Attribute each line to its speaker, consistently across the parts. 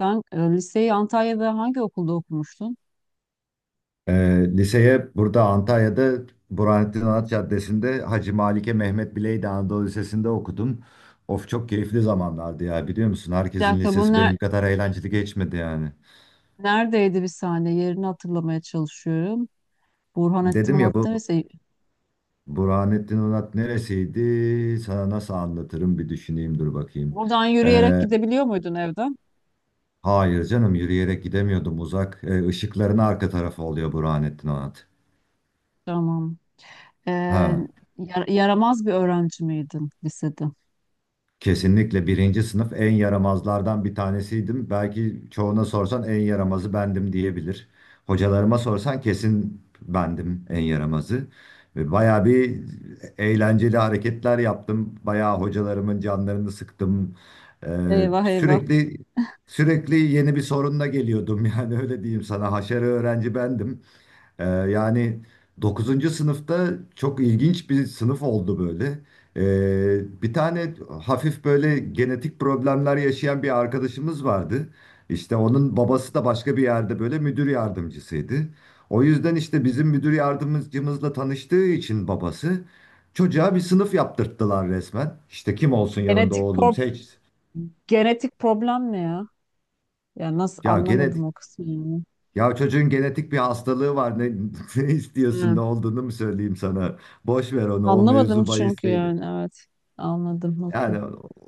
Speaker 1: Sen liseyi Antalya'da hangi okulda okumuştun?
Speaker 2: Liseye burada Antalya'da Burhanettin Anıt Caddesi'nde Hacı Malike Mehmet Bileydi Anadolu Lisesi'nde okudum. Of, çok keyifli zamanlardı ya, biliyor musun?
Speaker 1: Bir
Speaker 2: Herkesin
Speaker 1: dakika,
Speaker 2: lisesi benim kadar eğlenceli geçmedi yani.
Speaker 1: neredeydi, bir saniye, yerini hatırlamaya çalışıyorum. Burhanettin
Speaker 2: Dedim ya,
Speaker 1: Anıt'ta
Speaker 2: bu
Speaker 1: lise.
Speaker 2: Burhanettin Anıt neresiydi? Sana nasıl anlatırım, bir düşüneyim, dur bakayım.
Speaker 1: Buradan yürüyerek
Speaker 2: Ee,
Speaker 1: gidebiliyor muydun evden?
Speaker 2: hayır canım, yürüyerek gidemiyordum, uzak. Işıkların arka tarafı oluyor Burhanettin Anıt.
Speaker 1: Tamam. Ee,
Speaker 2: Ha.
Speaker 1: Yaramaz bir öğrenci miydin lisede?
Speaker 2: Kesinlikle birinci sınıf en yaramazlardan bir tanesiydim. Belki çoğuna sorsan en yaramazı bendim diyebilir. Hocalarıma sorsan kesin bendim en yaramazı. Ve bayağı bir eğlenceli hareketler yaptım. Bayağı hocalarımın canlarını sıktım. Ee,
Speaker 1: Eyvah eyvah.
Speaker 2: sürekli sürekli yeni bir sorunla geliyordum. Yani öyle diyeyim sana. Haşere öğrenci bendim. Yani dokuzuncu sınıfta çok ilginç bir sınıf oldu böyle. Bir tane hafif böyle genetik problemler yaşayan bir arkadaşımız vardı. İşte onun babası da başka bir yerde böyle müdür yardımcısıydı. O yüzden işte bizim müdür yardımcımızla tanıştığı için babası çocuğa bir sınıf yaptırttılar resmen. İşte kim olsun yanında
Speaker 1: Genetik
Speaker 2: oğlum,
Speaker 1: pro-
Speaker 2: seç.
Speaker 1: Genetik problem ne ya? Ya nasıl,
Speaker 2: Ya gene
Speaker 1: anlamadım o kısmı yani.
Speaker 2: Ya, çocuğun genetik bir hastalığı var. Ne istiyorsun?
Speaker 1: Hı.
Speaker 2: Ne olduğunu mu söyleyeyim sana? Boş ver onu. O
Speaker 1: Anlamadım
Speaker 2: mevzu bahis
Speaker 1: çünkü,
Speaker 2: değil.
Speaker 1: yani, evet. Anladım,
Speaker 2: Yani
Speaker 1: okey.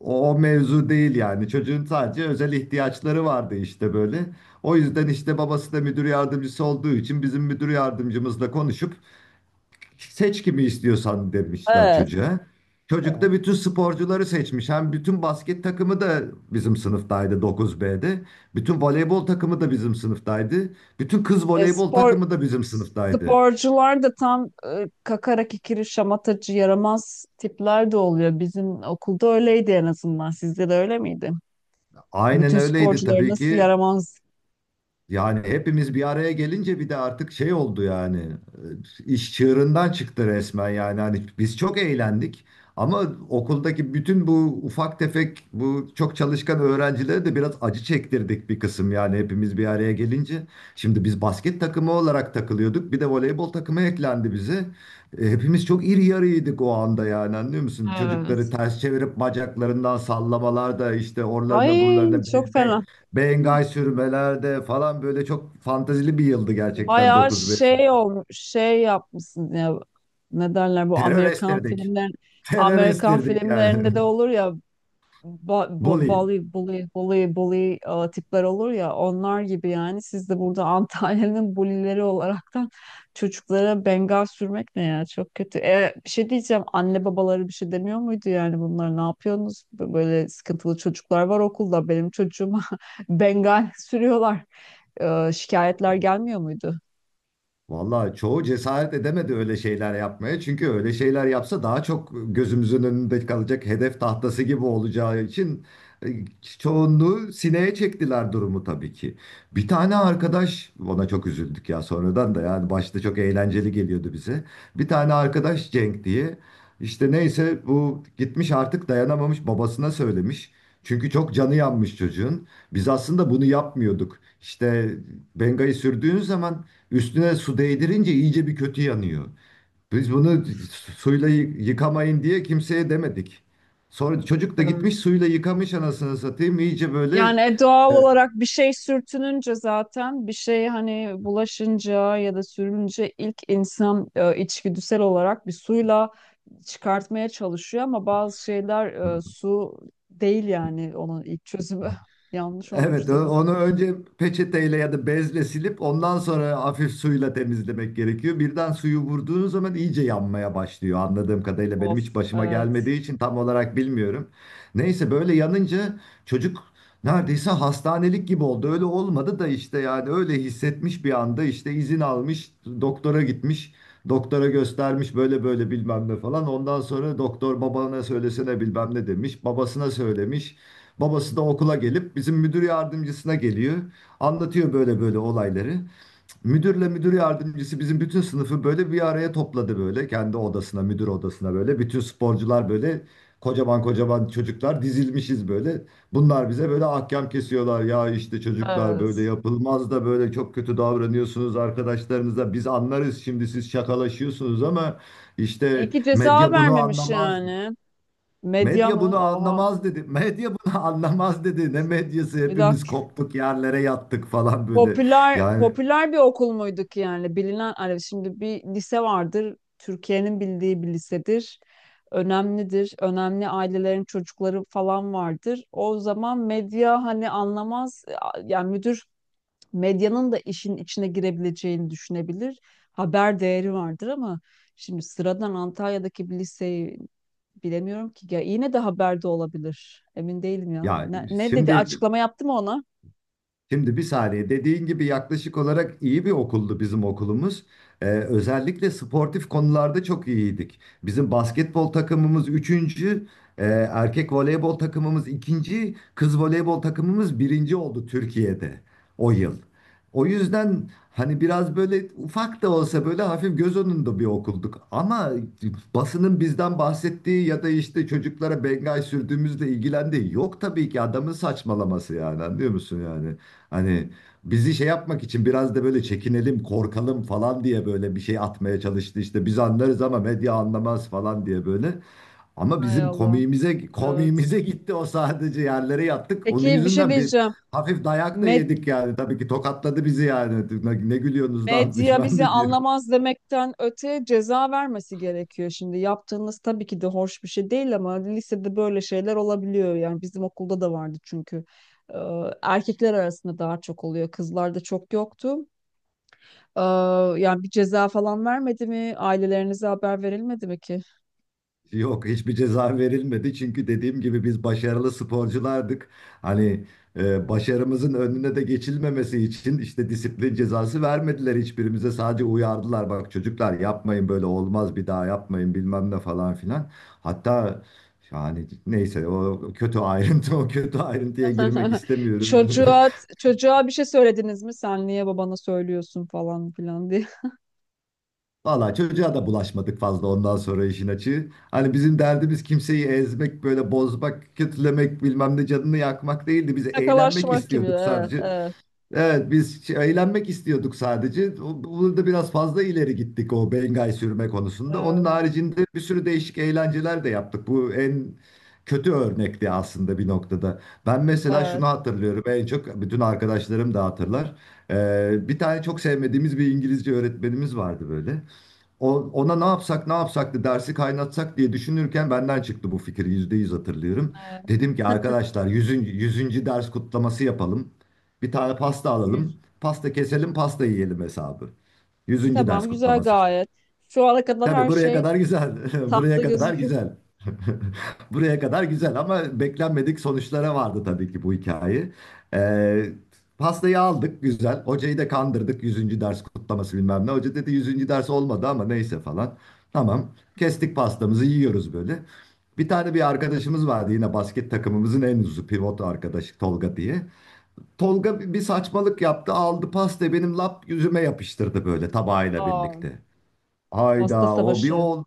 Speaker 2: o mevzu değil yani. Çocuğun sadece özel ihtiyaçları vardı işte böyle. O yüzden işte babası da müdür yardımcısı olduğu için bizim müdür yardımcımızla konuşup seç kimi istiyorsan demişler çocuğa. Çocuk da bütün
Speaker 1: Evet.
Speaker 2: sporcuları seçmiş. Hem bütün basket takımı da bizim sınıftaydı, 9B'de. Bütün voleybol takımı da bizim sınıftaydı. Bütün kız
Speaker 1: E,
Speaker 2: voleybol
Speaker 1: spor
Speaker 2: takımı da bizim sınıftaydı.
Speaker 1: Sporcular da tam kakara kikiri şamatacı yaramaz tipler de oluyor. Bizim okulda öyleydi en azından. Sizde de öyle miydi?
Speaker 2: Aynen
Speaker 1: Bütün
Speaker 2: öyleydi
Speaker 1: sporcular
Speaker 2: tabii
Speaker 1: nasıl
Speaker 2: ki.
Speaker 1: yaramaz?
Speaker 2: Yani hepimiz bir araya gelince bir de artık şey oldu yani, iş çığırından çıktı resmen. Yani hani biz çok eğlendik ama okuldaki bütün bu ufak tefek, bu çok çalışkan öğrencilere de biraz acı çektirdik bir kısım, yani hepimiz bir araya gelince. Şimdi biz basket takımı olarak takılıyorduk, bir de voleybol takımı eklendi bize. Hepimiz çok iri yarıydık o anda, yani anlıyor musun? Çocukları
Speaker 1: Evet.
Speaker 2: ters çevirip bacaklarından sallamalar da, işte oralarına
Speaker 1: Ay,
Speaker 2: buralarına
Speaker 1: çok
Speaker 2: değme,
Speaker 1: fena.
Speaker 2: bengay sürmelerde falan, böyle çok fantazili bir yıldı gerçekten
Speaker 1: Bayağı
Speaker 2: dokuz beş.
Speaker 1: şey olmuş, şey yapmışsın ya. Ne derler bu
Speaker 2: Terör
Speaker 1: Amerikan
Speaker 2: estirdik.
Speaker 1: filmler,
Speaker 2: Terör
Speaker 1: Amerikan
Speaker 2: estirdik yani.
Speaker 1: filmlerinde de olur ya,
Speaker 2: Bully.
Speaker 1: balı, bully bully bully, tipler olur ya, onlar gibi yani. Siz de burada Antalya'nın bulileri olaraktan çocuklara bengal sürmek ne ya, çok kötü. Bir şey diyeceğim, anne babaları bir şey demiyor muydu, yani bunlar ne yapıyorsunuz? Böyle sıkıntılı çocuklar var okulda, benim çocuğuma bengal sürüyorlar. Şikayetler gelmiyor muydu?
Speaker 2: Vallahi çoğu cesaret edemedi öyle şeyler yapmaya. Çünkü öyle şeyler yapsa daha çok gözümüzün önünde kalacak, hedef tahtası gibi olacağı için e, çoğunluğu sineye çektiler durumu tabii ki. Bir tane arkadaş, ona çok üzüldük ya sonradan da, yani başta çok eğlenceli geliyordu bize. Bir tane arkadaş, Cenk diye, işte neyse, bu gitmiş artık dayanamamış babasına söylemiş. Çünkü çok canı yanmış çocuğun. Biz aslında bunu yapmıyorduk. İşte Benga'yı sürdüğün zaman, üstüne su değdirince iyice bir kötü yanıyor. Biz bunu suyla yıkamayın diye kimseye demedik. Sonra çocuk da
Speaker 1: Of.
Speaker 2: gitmiş suyla yıkamış, anasını satayım. İyice böyle.
Speaker 1: Yani doğal
Speaker 2: Evet.
Speaker 1: olarak bir şey sürtününce, zaten bir şey, hani, bulaşınca ya da sürünce ilk insan içgüdüsel olarak bir suyla çıkartmaya çalışıyor ama bazı şeyler su değil yani onun ilk çözümü. Yanlış olmuş
Speaker 2: Evet,
Speaker 1: tabii.
Speaker 2: onu önce peçeteyle ya da bezle silip ondan sonra hafif suyla temizlemek gerekiyor. Birden suyu vurduğunuz zaman iyice yanmaya başlıyor. Anladığım kadarıyla, benim
Speaker 1: Of,
Speaker 2: hiç başıma
Speaker 1: evet.
Speaker 2: gelmediği için tam olarak bilmiyorum. Neyse, böyle yanınca çocuk neredeyse hastanelik gibi oldu. Öyle olmadı da, işte yani öyle hissetmiş bir anda, işte izin almış, doktora gitmiş. Doktora göstermiş böyle böyle bilmem ne falan. Ondan sonra doktor babana söylesene bilmem ne demiş. Babasına söylemiş. Babası da okula gelip bizim müdür yardımcısına geliyor. Anlatıyor böyle böyle olayları. Müdürle müdür yardımcısı bizim bütün sınıfı böyle bir araya topladı böyle. Kendi odasına, müdür odasına böyle. Bütün sporcular böyle, kocaman kocaman çocuklar dizilmişiz böyle. Bunlar bize böyle ahkam kesiyorlar. Ya işte çocuklar böyle
Speaker 1: Evet.
Speaker 2: yapılmaz da, böyle çok kötü davranıyorsunuz arkadaşlarınıza. Biz anlarız şimdi siz şakalaşıyorsunuz ama
Speaker 1: İyi
Speaker 2: işte
Speaker 1: ki ceza
Speaker 2: medya bunu
Speaker 1: vermemiş
Speaker 2: anlamaz.
Speaker 1: yani. Medya
Speaker 2: Medya
Speaker 1: mı?
Speaker 2: bunu
Speaker 1: Oha.
Speaker 2: anlamaz dedi. Medya bunu anlamaz dedi. Ne medyası,
Speaker 1: Bir
Speaker 2: hepimiz
Speaker 1: dakika.
Speaker 2: koptuk yerlere yattık falan böyle.
Speaker 1: Popüler
Speaker 2: Yani
Speaker 1: popüler bir okul muyduk yani, bilinen, hani şimdi bir lise vardır Türkiye'nin bildiği, bir lisedir, önemlidir, önemli ailelerin çocukları falan vardır, o zaman medya hani anlamaz yani, müdür medyanın da işin içine girebileceğini düşünebilir, haber değeri vardır. Ama şimdi sıradan Antalya'daki bir liseyi, bilemiyorum ki ya, yine de haberde olabilir, emin değilim ya.
Speaker 2: ya
Speaker 1: Ne, ne dedi,
Speaker 2: şimdi
Speaker 1: açıklama yaptı mı ona?
Speaker 2: Şimdi bir saniye, dediğin gibi yaklaşık olarak iyi bir okuldu bizim okulumuz. Özellikle sportif konularda çok iyiydik. Bizim basketbol takımımız üçüncü, e, erkek voleybol takımımız ikinci, kız voleybol takımımız birinci oldu Türkiye'de o yıl. O yüzden hani biraz böyle ufak da olsa, böyle hafif göz önünde bir okulduk. Ama basının bizden bahsettiği ya da işte çocuklara bengay sürdüğümüzle ilgilendiği yok tabii ki, adamın saçmalaması yani, anlıyor musun yani? Hani bizi şey yapmak için biraz da böyle çekinelim, korkalım falan diye böyle bir şey atmaya çalıştı. İşte biz anlarız ama medya anlamaz falan diye böyle. Ama
Speaker 1: Hay
Speaker 2: bizim
Speaker 1: Allah,
Speaker 2: komiğimize
Speaker 1: evet.
Speaker 2: komiğimize gitti o, sadece yerlere yattık. Onun
Speaker 1: Peki bir şey
Speaker 2: yüzünden bir
Speaker 1: diyeceğim.
Speaker 2: hafif dayak da
Speaker 1: Med-
Speaker 2: yedik yani. Tabii ki tokatladı bizi yani. Ne, ne gülüyorsunuz lan
Speaker 1: Medya
Speaker 2: bilmem
Speaker 1: bizi
Speaker 2: ne diye.
Speaker 1: anlamaz demekten öte ceza vermesi gerekiyor şimdi. Yaptığınız tabii ki de hoş bir şey değil ama lisede böyle şeyler olabiliyor. Yani bizim okulda da vardı çünkü. Ee, Erkekler arasında daha çok oluyor. Kızlarda çok yoktu. Ee, Yani bir ceza falan vermedi mi? Ailelerinize haber verilmedi mi ki?
Speaker 2: Yok, hiçbir ceza verilmedi çünkü dediğim gibi biz başarılı sporculardık. Hani başarımızın önüne de geçilmemesi için, işte disiplin cezası vermediler hiçbirimize, sadece uyardılar. Bak çocuklar, yapmayın, böyle olmaz, bir daha yapmayın, bilmem ne falan filan. Hatta, yani neyse, o kötü ayrıntı o kötü ayrıntıya girmek istemiyorum.
Speaker 1: Çocuğa çocuğa bir şey söylediniz mi? Sen niye babana söylüyorsun falan filan diye.
Speaker 2: Valla çocuğa da bulaşmadık fazla ondan sonra, işin açığı. Hani bizim derdimiz kimseyi ezmek, böyle bozmak, kötülemek, bilmem ne canını yakmak değildi. Biz
Speaker 1: Ne kadar
Speaker 2: eğlenmek
Speaker 1: şımarık gibi.
Speaker 2: istiyorduk
Speaker 1: Evet,
Speaker 2: sadece.
Speaker 1: evet,
Speaker 2: Evet, biz eğlenmek istiyorduk sadece. Burada biraz fazla ileri gittik o bengay sürme konusunda. Onun
Speaker 1: evet.
Speaker 2: haricinde bir sürü değişik eğlenceler de yaptık. Bu en kötü örnekti aslında bir noktada. Ben mesela şunu
Speaker 1: Evet,
Speaker 2: hatırlıyorum en çok, bütün arkadaşlarım da hatırlar. Bir tane çok sevmediğimiz bir İngilizce öğretmenimiz vardı böyle. Ona ne yapsak ne yapsaktı, dersi kaynatsak diye düşünürken benden çıktı bu fikir. Yüzde yüz hatırlıyorum.
Speaker 1: evet.
Speaker 2: Dedim ki arkadaşlar, yüzüncü 100. ders kutlaması yapalım. Bir tane pasta
Speaker 1: Yüz.
Speaker 2: alalım. Pasta keselim pasta yiyelim hesabı. Yüzüncü ders
Speaker 1: Tamam, güzel
Speaker 2: kutlaması işte.
Speaker 1: gayet. Şu ana kadar
Speaker 2: Tabii
Speaker 1: her
Speaker 2: buraya
Speaker 1: şey
Speaker 2: kadar güzel. Buraya
Speaker 1: tatlı
Speaker 2: kadar
Speaker 1: gözüküyor.
Speaker 2: güzel. Buraya kadar güzel ama beklenmedik sonuçlara vardı tabii ki bu hikaye. Ee, Pastayı aldık güzel. Hocayı da kandırdık, yüzüncü ders kutlaması bilmem ne. Hoca dedi yüzüncü ders olmadı ama neyse falan. Tamam. Kestik pastamızı, yiyoruz böyle. Bir tane bir arkadaşımız vardı yine, basket takımımızın en uzuzu pivot arkadaşı, Tolga diye. Tolga bir saçmalık yaptı, aldı pastayı benim lap yüzüme yapıştırdı böyle tabağıyla
Speaker 1: Aa,
Speaker 2: birlikte.
Speaker 1: pasta
Speaker 2: Hayda, o bir
Speaker 1: savaşı.
Speaker 2: o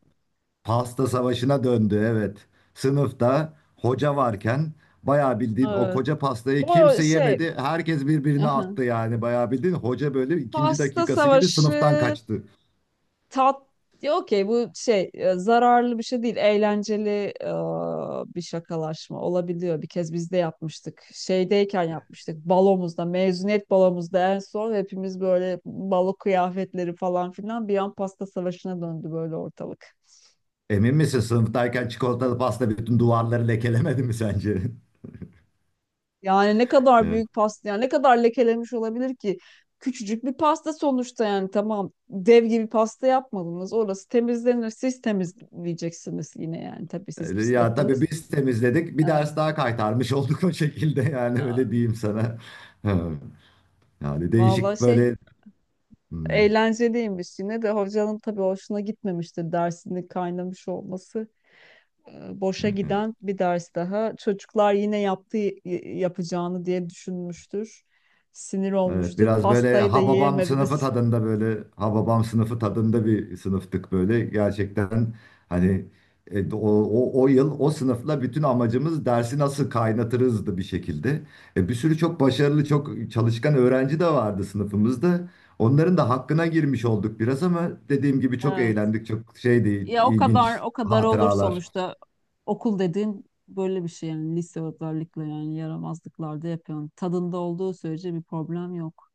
Speaker 2: pasta savaşına döndü, evet. Sınıfta hoca varken bayağı bildiğin o
Speaker 1: Evet.
Speaker 2: koca pastayı
Speaker 1: O
Speaker 2: kimse
Speaker 1: şey,
Speaker 2: yemedi. Herkes birbirine
Speaker 1: aha,
Speaker 2: attı yani, bayağı bildiğin hoca böyle ikinci
Speaker 1: pasta
Speaker 2: dakikası gibi sınıftan
Speaker 1: savaşı,
Speaker 2: kaçtı.
Speaker 1: tat. Ya okey, bu şey zararlı bir şey değil. Eğlenceli bir şakalaşma olabiliyor. Bir kez biz de yapmıştık. Şeydeyken yapmıştık. Balomuzda, mezuniyet balomuzda en son, hepimiz böyle balo kıyafetleri falan filan, bir an pasta savaşına döndü böyle ortalık.
Speaker 2: Emin misin sınıftayken çikolatalı pasta bütün duvarları lekelemedi mi sence?
Speaker 1: Yani ne kadar büyük pasta, yani ne kadar lekelemiş olabilir ki? Küçücük bir pasta sonuçta yani, tamam dev gibi pasta yapmadınız. Orası temizlenir. Siz temizleyeceksiniz yine yani, tabii siz
Speaker 2: Evet. Ya tabii
Speaker 1: pislettiniz.
Speaker 2: biz temizledik, bir
Speaker 1: Ha.
Speaker 2: ders daha kaytarmış olduk o şekilde yani öyle diyeyim sana. Yani
Speaker 1: Vallahi
Speaker 2: değişik
Speaker 1: şey,
Speaker 2: böyle... Hmm,
Speaker 1: eğlenceliymiş yine de, hocanın tabii hoşuna gitmemiştir dersinin kaynamış olması. Boşa
Speaker 2: evet.
Speaker 1: giden bir ders daha. Çocuklar yine yaptığı yapacağını diye düşünmüştür. Sinir
Speaker 2: Evet,
Speaker 1: olmuştur.
Speaker 2: biraz böyle
Speaker 1: Pastayı da
Speaker 2: Hababam sınıfı
Speaker 1: yiyemediniz.
Speaker 2: tadında, böyle Hababam sınıfı tadında bir sınıftık böyle. Gerçekten hani o yıl o sınıfla bütün amacımız dersi nasıl kaynatırızdı bir şekilde. Bir sürü çok başarılı, çok çalışkan öğrenci de vardı sınıfımızda. Onların da hakkına girmiş olduk biraz ama dediğim gibi çok
Speaker 1: Ha.
Speaker 2: eğlendik. Çok şeydi,
Speaker 1: Ya o kadar
Speaker 2: ilginç
Speaker 1: o kadar olur
Speaker 2: hatıralar.
Speaker 1: sonuçta. Okul dediğin böyle bir şey yani, lise özellikle, yani yaramazlıklarda yapıyorsun. Tadında olduğu sürece bir problem yok.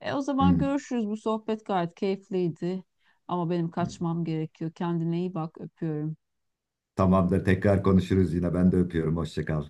Speaker 1: E o zaman
Speaker 2: Hı,
Speaker 1: görüşürüz. Bu sohbet gayet keyifliydi. Ama benim
Speaker 2: hı.
Speaker 1: kaçmam gerekiyor. Kendine iyi bak. Öpüyorum.
Speaker 2: Tamamdır, tekrar konuşuruz yine. Ben de öpüyorum. Hoşça kal.